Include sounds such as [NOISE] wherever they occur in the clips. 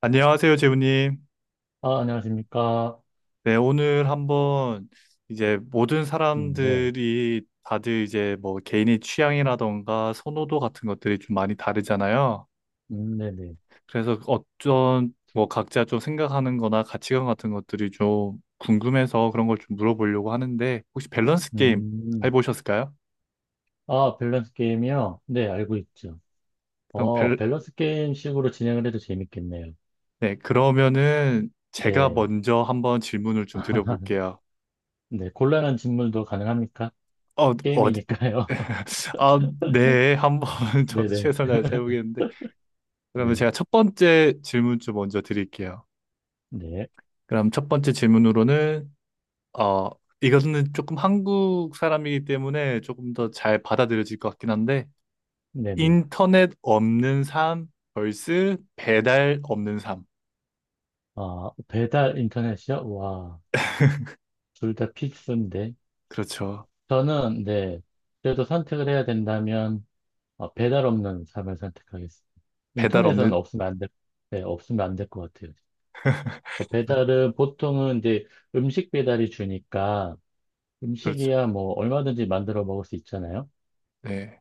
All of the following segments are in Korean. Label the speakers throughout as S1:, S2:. S1: 안녕하세요, 재우님.
S2: 아, 안녕하십니까.
S1: 네, 오늘 한번 이제 모든
S2: 네.
S1: 사람들이 다들 이제 뭐 개인의 취향이라던가 선호도 같은 것들이 좀 많이 다르잖아요.
S2: 네네.
S1: 그래서 어떤 뭐 각자 좀 생각하는 거나 가치관 같은 것들이 좀 궁금해서 그런 걸 좀 물어보려고 하는데 혹시 밸런스 게임
S2: 음,
S1: 해보셨을까요?
S2: 아, 밸런스 게임이요? 네, 알고 있죠.
S1: 그럼 밸,
S2: 밸런스 게임 식으로 진행을 해도 재밌겠네요.
S1: 네, 그러면은 제가
S2: 네.
S1: 먼저 한번 질문을 좀
S2: [LAUGHS]
S1: 드려볼게요.
S2: 네, 곤란한 질문도 가능합니까?
S1: 어, 어디?
S2: 게임이니까요. [LAUGHS]
S1: [LAUGHS] 아, 네, 한번 [LAUGHS] 저도
S2: 네네.
S1: 최선을 다해서
S2: [LAUGHS]
S1: 해보겠는데. 그러면
S2: 네.
S1: 제가 첫 번째 질문 좀 먼저 드릴게요.
S2: 네.
S1: 그럼 첫 번째 질문으로는, 어, 이거는 조금 한국 사람이기 때문에 조금 더 잘 받아들여질 것 같긴 한데,
S2: 네네.
S1: 인터넷 없는 삶 vs 배달 없는 삶.
S2: 아, 배달 인터넷이요? 와, 둘 다 필수인데.
S1: 그렇죠.
S2: 저는, 네. 그래도 선택을 해야 된다면, 아, 배달 없는 삶을 선택하겠습니다.
S1: 배달
S2: 인터넷은
S1: 없는,
S2: 없으면 안 될, 네, 없으면 안 될 것 같아요. 그 배달은 보통은 이제 음식 배달이 주니까
S1: 그렇죠.
S2: 음식이야 뭐 얼마든지 만들어 먹을 수 있잖아요.
S1: 네.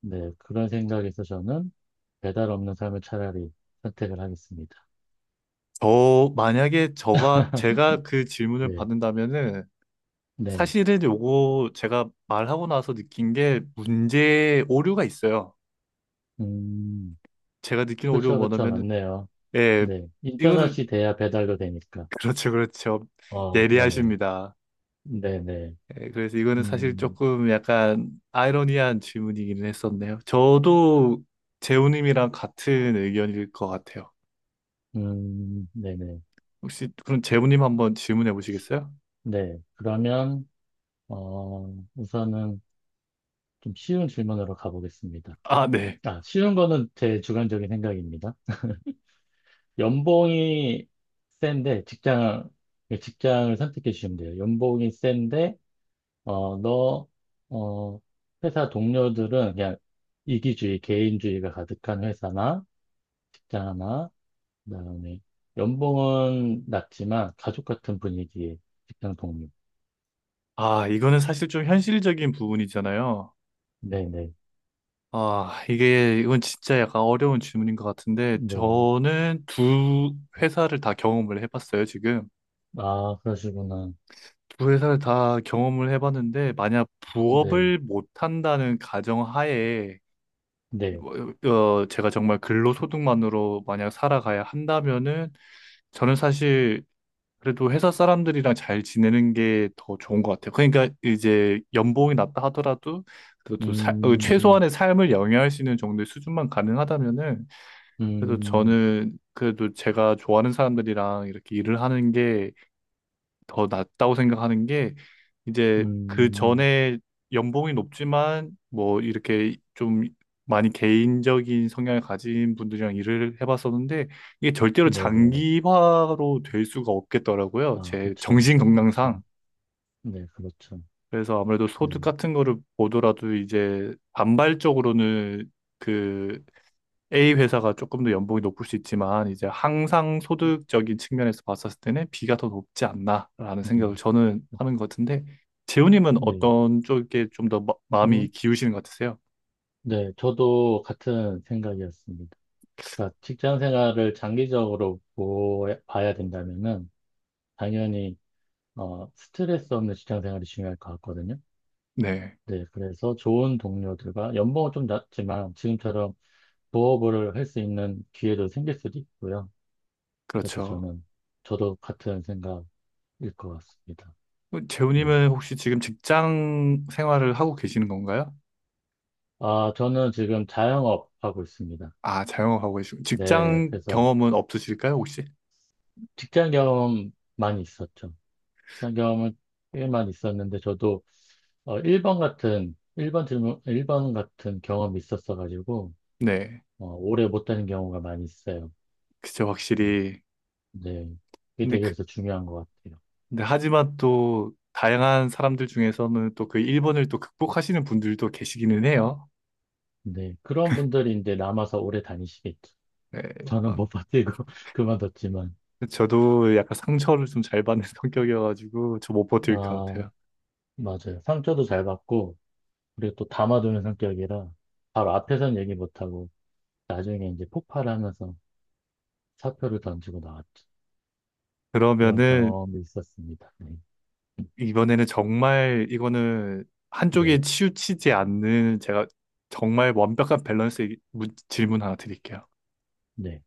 S2: 네, 그런 생각에서 저는 배달 없는 삶을 차라리 선택을 하겠습니다.
S1: 저, 만약에 저가, 제가 그
S2: [LAUGHS]
S1: 질문을
S2: 네,
S1: 받는다면은,
S2: 네.
S1: 사실은 요거 제가 말하고 나서 느낀 게 문제의 오류가 있어요.
S2: 음,
S1: 제가 느낀 오류가
S2: 그쵸, 그쵸,
S1: 뭐냐면,
S2: 맞네요.
S1: 예,
S2: 네.
S1: 이거는,
S2: 인터넷이 돼야 배달도 되니까.
S1: [LAUGHS] 그렇죠, 그렇죠.
S2: 어, 그러네요.
S1: 예리하십니다.
S2: 네네.
S1: 예, 그래서 이거는 사실
S2: 음,
S1: 조금 약간 아이러니한 질문이기는 했었네요. 저도 재우님이랑 같은 의견일 것 같아요.
S2: 네네. 네.
S1: 혹시 그럼 재우님 한번 질문해 보시겠어요?
S2: 네, 그러면, 우선은 좀 쉬운 질문으로 가보겠습니다.
S1: 아, 네.
S2: 아, 쉬운 거는 제 주관적인 생각입니다. 연봉이 센데, 직장, 직장을 선택해 주시면 돼요. 연봉이 센데, 어, 너, 어, 회사 동료들은 그냥 이기주의, 개인주의가 가득한 회사나, 직장 하나, 그다음에 연봉은 낮지만 가족 같은 분위기의 직장 동료.
S1: 아, 이거는 사실 좀 현실적인 부분이잖아요.
S2: 네네. 네.
S1: 아, 이게, 이건 진짜 약간 어려운 질문인 것 같은데,
S2: 네.
S1: 저는 두 회사를 다 경험을 해봤어요, 지금.
S2: 아, 그러시구나.
S1: 두 회사를 다 경험을 해봤는데, 만약
S2: 네.
S1: 부업을 못한다는 가정하에,
S2: 네.
S1: 제가 정말 근로소득만으로 만약 살아가야 한다면은, 저는 사실 그래도 회사 사람들이랑 잘 지내는 게 더 좋은 것 같아요. 그러니까 이제 연봉이 낮다 하더라도, 그래도
S2: 음,
S1: 최소한의 삶을 영위할 수 있는 정도의 수준만 가능하다면은, 그래도
S2: 음,
S1: 저는 그래도 제가 좋아하는 사람들이랑 이렇게 일을 하는 게 더 낫다고 생각하는 게 이제 그
S2: 음,
S1: 전에 연봉이 높지만 뭐 이렇게 좀 많이 개인적인 성향을 가진 분들이랑 일을 해봤었는데 이게 절대로
S2: 네네.
S1: 장기화로 될 수가 없겠더라고요.
S2: 아,
S1: 제
S2: 그쵸.
S1: 정신
S2: 그쵸.
S1: 건강상.
S2: 네, 그렇죠.
S1: 그래서 아무래도 소득
S2: 네.
S1: 같은 거를 보더라도 이제 반발적으로는 그 A 회사가 조금 더 연봉이 높을 수 있지만 이제 항상 소득적인 측면에서 봤었을 때는 B가 더 높지 않나라는 생각을
S2: 음,
S1: 저는 하는 것 같은데 재훈님은
S2: 네.
S1: 어떤 쪽에 좀 더
S2: 음,
S1: 마음이 기우시는 것 같으세요?
S2: 네. 저도 같은 생각이었습니다. 그러니까 직장 생활을 장기적으로 봐야 된다면은, 당연히, 스트레스 없는 직장 생활이 중요할 것 같거든요.
S1: 네,
S2: 네. 그래서 좋은 동료들과 연봉은 좀 낮지만, 지금처럼 부업을 할 수 있는 기회도 생길 수도 있고요. 그래서
S1: 그렇죠.
S2: 저는, 저도 같은 일 것 같습니다.
S1: 어,
S2: 네.
S1: 재훈님은 혹시 지금 직장 생활을 하고 계시는 건가요?
S2: 아, 저는 지금 자영업 하고 있습니다.
S1: 아, 자영업하고 계시고
S2: 네,
S1: 직장
S2: 그래서
S1: 경험은 없으실까요, 혹시?
S2: 직장 경험 많이 있었죠. 직장 경험은 꽤 많이 있었는데, 저도 1번 같은, 일 번 질문, 일 번 같은 경험이 있었어가지고,
S1: 네,
S2: 오래 못 다닌 경우가 많이 있어요.
S1: 그죠,
S2: 음,
S1: 확실히.
S2: 네. 네. 그게
S1: 근데
S2: 되게
S1: 그,
S2: 그래서 중요한 것 같아요.
S1: 근데 하지만 또 다양한 사람들 중에서는 또 그 1번을 또 극복하시는 분들도 계시기는 해요.
S2: 네. 그런 분들이 이제 남아서 오래 다니시겠죠.
S1: 네,
S2: 저는
S1: 막
S2: 못 버티고 [LAUGHS] 그만뒀지만,
S1: 저도 약간 상처를 좀 잘 받는 [LAUGHS] 성격이어가지고 저 못 버틸 것
S2: 아,
S1: 같아요.
S2: 맞아요. 상처도 잘 받고, 그리고 또 담아두는 성격이라 바로 앞에선 얘기 못하고 나중에 이제 폭발하면서 사표를 던지고 나왔죠. 그런
S1: 그러면은
S2: 경험이 있었습니다. 네.
S1: 이번에는 정말 이거는 한쪽에
S2: 네.
S1: 치우치지 않는 제가 정말 완벽한 밸런스의 문- 질문 하나 드릴게요.
S2: 네.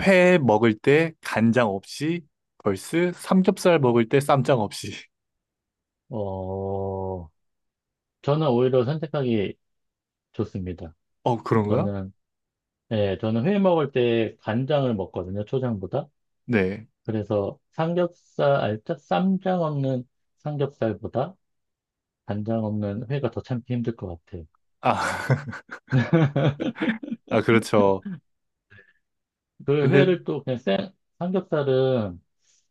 S1: 회 먹을 때 간장 없이 벌스 삼겹살 먹을 때 쌈장 없이. [LAUGHS]
S2: 어, 저는 오히려 선택하기 좋습니다.
S1: 어, 그런가요?
S2: 저는, 예, 저는 회 먹을 때 간장을 먹거든요. 초장보다.
S1: 네.
S2: 그래서 삼겹살, 알짜 쌈장 없는 삼겹살보다 간장 없는 회가 더 참기 힘들 것 같아요.
S1: 아, [LAUGHS] 아 그렇죠.
S2: 그
S1: 근데
S2: 회를 또 그냥 생, 삼겹살은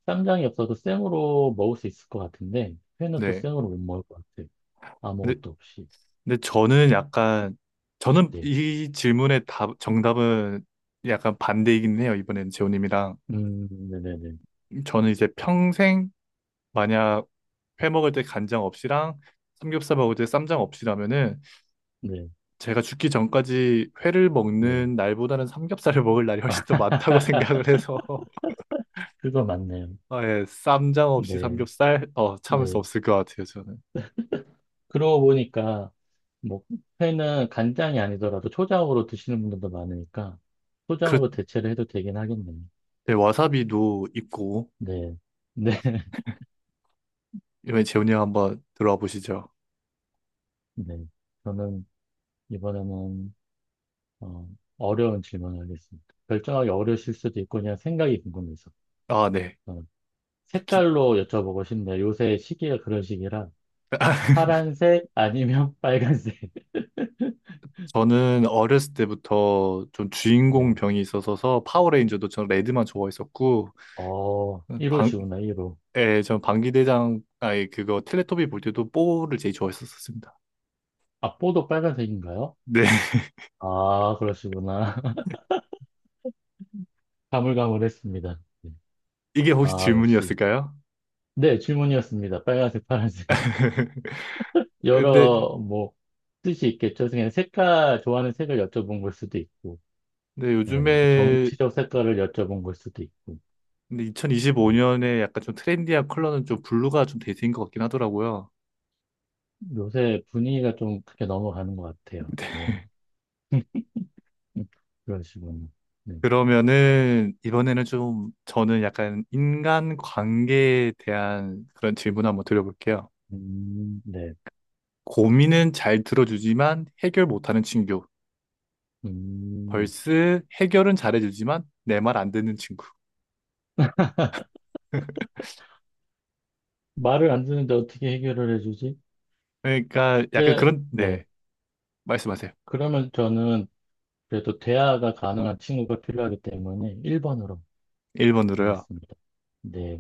S2: 쌈장이 없어도 생으로 먹을 수 있을 것 같은데, 회는 또
S1: 네.
S2: 생으로 못 먹을 것 같아.
S1: 근데
S2: 아무것도 없이.
S1: 근데 저는 약간 저는
S2: 네.
S1: 이 질문의 답 정답은 약간 반대이긴 해요. 이번엔 재호님이랑
S2: 네네네.
S1: 저는 이제 평생 만약 회 먹을 때 간장 없이랑 삼겹살 먹을 때 쌈장 없이라면은
S2: 네,
S1: 제가 죽기 전까지 회를
S2: 네.
S1: 먹는 날보다는 삼겹살을 [LAUGHS] 먹을 날이 훨씬 더 많다고 [LAUGHS] 생각을
S2: [LAUGHS]
S1: 해서
S2: 그거 맞네요.
S1: [LAUGHS] 아, 예, 쌈장 없이
S2: 네,
S1: 삼겹살 참을 수
S2: 네.
S1: 없을 것 같아요. 저는
S2: 그러고 보니까, 뭐, 회는 간장이 아니더라도 초장으로 드시는 분들도 많으니까,
S1: 그렇
S2: 초장으로 대체를 해도 되긴 하겠네요.
S1: 네, 와사비도 있고
S2: 네, 네, [LAUGHS]
S1: 이번에 재이님 한번 들어와 보시죠.
S2: 네. 저는 이번에는 어, 어려운 질문을 하겠습니다. 결정하기 어려우실 수도 있고 그냥 생각이 궁금해서.
S1: 아 네.
S2: 어,
S1: 좀 기...
S2: 색깔로 여쭤보고 싶네요. 요새 시기가 그런 시기라
S1: [LAUGHS]
S2: 파란색 아니면 [LAUGHS] 빨간색.
S1: 저는 어렸을 때부터 좀 주인공
S2: 네.
S1: 병이 있어서 파워레인저도 전 레드만 좋아했었고
S2: 어,
S1: 방,
S2: 1호시구나, 1호.
S1: 예, 전 방귀대장 아니 그거 텔레토비 볼 때도 뽀를 제일 좋아했었습니다.
S2: 앞보도 빨간색인가요?
S1: 네, [LAUGHS]
S2: 아, 그러시구나. [LAUGHS] 가물가물했습니다. 네.
S1: 이게 혹시
S2: 아, 역시.
S1: 질문이었을까요?
S2: 네, 질문이었습니다. 빨간색, 파란색.
S1: [LAUGHS]
S2: [LAUGHS]
S1: 근데
S2: 뭐, 뜻이 있겠죠. 그냥 색깔, 좋아하는 색을 여쭤본 걸 수도 있고, 네, 뭐
S1: 요즘에
S2: 정치적 색깔을 여쭤본 걸 수도 있고. 네.
S1: 2025년에 약간 좀 트렌디한 컬러는 좀 블루가 좀 대세인 것 같긴 하더라고요.
S2: 요새 분위기가 좀 그렇게 넘어가는 것 같아요. 네. 음, 그러시군요. 네.
S1: 그러면은 이번에는 좀 저는 약간 인간 관계에 대한 그런 질문 한번 드려볼게요.
S2: 네.
S1: 고민은 잘 들어주지만 해결 못하는 친구.
S2: 음,
S1: 벌스 해결은 잘해주지만 내 말 안 듣는 친구. [LAUGHS]
S2: 말을 안 듣는데 어떻게 해결을 해주지?
S1: 그러니까 약간
S2: 그래,
S1: 그런,
S2: 네.
S1: 네, 말씀하세요.
S2: 그러면 저는 그래도 대화가 가능한 친구가 필요하기 때문에 1번으로
S1: 1번으로요.
S2: 하겠습니다. 네.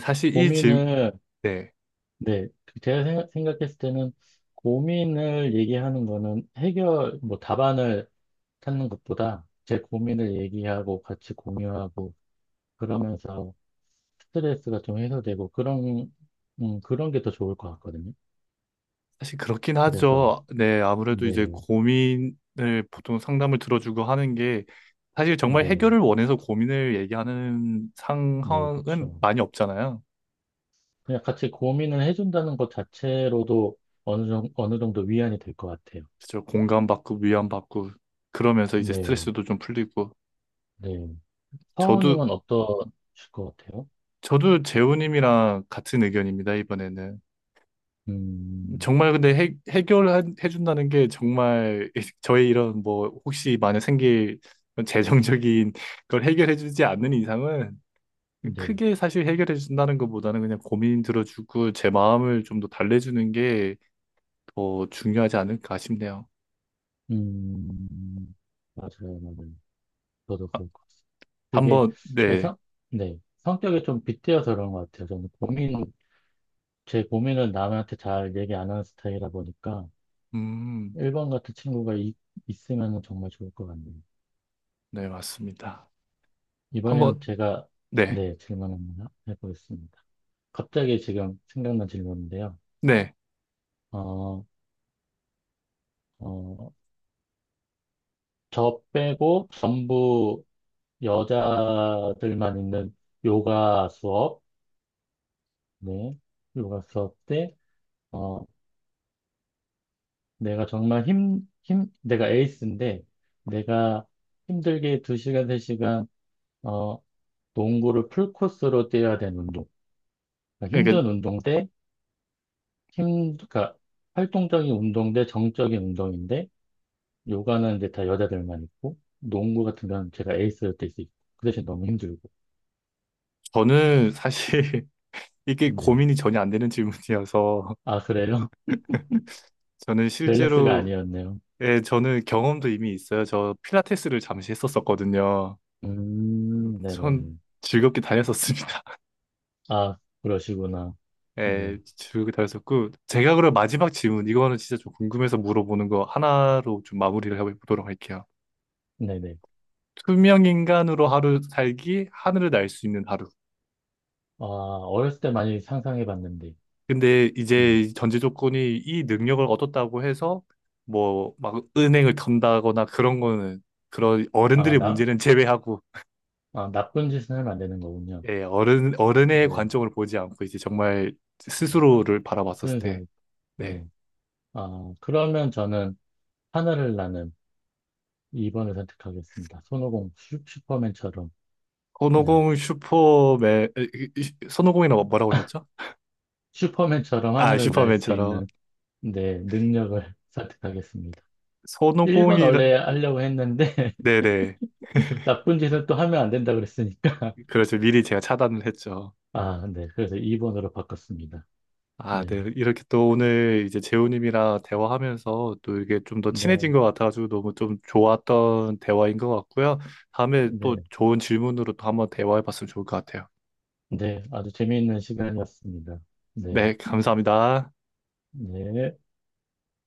S1: 사실 이 질,
S2: 고민을,
S1: 네,
S2: 네. 그 제가 생각했을 때는 고민을 얘기하는 거는 해결, 뭐 답안을 찾는 것보다 제 고민을 얘기하고 같이 공유하고 그러면서 스트레스가 좀 해소되고 그런 그런 게 더 좋을 것 같거든요.
S1: 사실 그렇긴
S2: 그래서
S1: 하죠. 네, 아무래도 이제
S2: 네,
S1: 고민을 보통 상담을 들어주고 하는 게 사실 정말
S2: 네,
S1: 해결을 원해서 고민을 얘기하는
S2: 네,
S1: 상황은
S2: 그렇죠.
S1: 많이 없잖아요.
S2: 그냥 같이 고민을 해준다는 것 자체로도 어느 정도 어느 정도 위안이 될 것 같아요.
S1: 그죠. 공감받고 위안받고 그러면서 이제
S2: 네,
S1: 스트레스도 좀 풀리고
S2: 네.
S1: 저도
S2: 사원님은 어떠실 것 같아요?
S1: 저도 재호님이랑 같은 의견입니다, 이번에는.
S2: 음,
S1: 정말 근데 해, 해결해준다는 게 정말 [LAUGHS] 저의 이런 뭐 혹시 만약 생길 재정적인 [LAUGHS] 걸 해결해주지 않는 이상은
S2: 네,
S1: 크게 사실 해결해준다는 것보다는 그냥 고민 들어주고 제 마음을 좀 더 달래주는 게 더 중요하지 않을까 싶네요.
S2: 음, 맞아요, 맞아요. 저도 그럴 것 같습니다. 그게
S1: 한번,
S2: 제
S1: 네.
S2: 성, 네, 성격이 좀 빗대어서 그런 것 같아요. 저는 고민 제 고민을 남한테 잘 얘기 안 하는 스타일이라 보니까
S1: 음,
S2: 1번 같은 친구가 있으면 정말 좋을 것 같네요.
S1: 네, 맞습니다.
S2: 이번에는
S1: 한번,
S2: 제가
S1: 네.
S2: 네, 질문 하나 해보겠습니다. 갑자기 지금 생각난 질문인데요.
S1: 네.
S2: 어, 어, 저 빼고 전부 여자들만 있는 요가 수업, 네, 요가 수업 때, 어, 내가 정말 힘, 힘, 내가 에이스인데, 내가 힘들게 2시간, 3시간 농구를 풀코스로 뛰어야 되는 운동. 그러니까
S1: 그러니까
S2: 힘든 운동 대 그러니까 활동적인 운동 대 정적인 운동인데 요가는 이제 다 여자들만 있고 농구 같은 경우는 제가 에이스로 뛸 수 있고 그 대신 너무 힘들고.
S1: 저는 사실 [LAUGHS] 이게
S2: 네.
S1: 고민이 전혀 안 되는 질문이어서
S2: 아, 그래요?
S1: 저는
S2: [LAUGHS] 밸런스가
S1: 실제로
S2: 아니었네요.
S1: 예, 저는 경험도 이미 있어요. 저 필라테스를 잠시 했었었거든요. 전
S2: 네네네.
S1: 즐겁게 다녔었습니다. [LAUGHS]
S2: 아, 그러시구나. 네.
S1: 예, 즐겁게 다녔었고 제가 그럼 마지막 질문 이거는 진짜 좀 궁금해서 물어보는 거 하나로 좀 마무리를 해보도록 할게요.
S2: 네네.
S1: 투명 인간으로 하루 살기, 하늘을 날 수 있는 하루.
S2: 아, 어렸을 때 많이 상상해 봤는데.
S1: 근데
S2: 네.
S1: 이제 전제 조건이 이 능력을 얻었다고 해서 뭐 막 은행을 턴다거나 그런 거는 그런
S2: 아,
S1: 어른들의
S2: 나,
S1: 문제는 제외하고
S2: 아, 나쁜 짓은 하면 안 되는 거군요.
S1: 예, 어른, 어른의
S2: 네.
S1: 관점을 보지 않고 이제 정말 스스로를 바라봤었을
S2: 쓰는
S1: 때,
S2: 사람.
S1: 네.
S2: 네. 아, 그러면 저는 하늘을 나는 2번을 선택하겠습니다. 손오공 슈퍼맨처럼, 네.
S1: 손오공 슈퍼맨, 에, 이- 이- 손오공이라고 뭐라고
S2: [LAUGHS]
S1: 하셨죠?
S2: 슈퍼맨처럼
S1: 아,
S2: 하늘을 날 수
S1: 슈퍼맨처럼.
S2: 있는 네 능력을 [LAUGHS] 선택하겠습니다. 1번
S1: 손오공이라,
S2: 원래 하려고 했는데
S1: 네네.
S2: [LAUGHS] 나쁜 짓을 또 하면 안 된다 그랬으니까
S1: 그렇죠. 미리 제가 차단을 했죠.
S2: [LAUGHS] 아, 네. 그래서 2번으로 바꿨습니다.
S1: 아, 네.
S2: 네.
S1: 이렇게 또 오늘 이제 재우님이랑 대화하면서 또 이게 좀 더 친해진
S2: 네.
S1: 것 같아가지고 너무 좀 좋았던 대화인 것 같고요. 다음에 또
S2: 네.
S1: 좋은 질문으로 또 한번 대화해봤으면 좋을 것 같아요.
S2: 네. 아주 재미있는 시간이었습니다. 네.
S1: 네, 감사합니다.
S2: 네.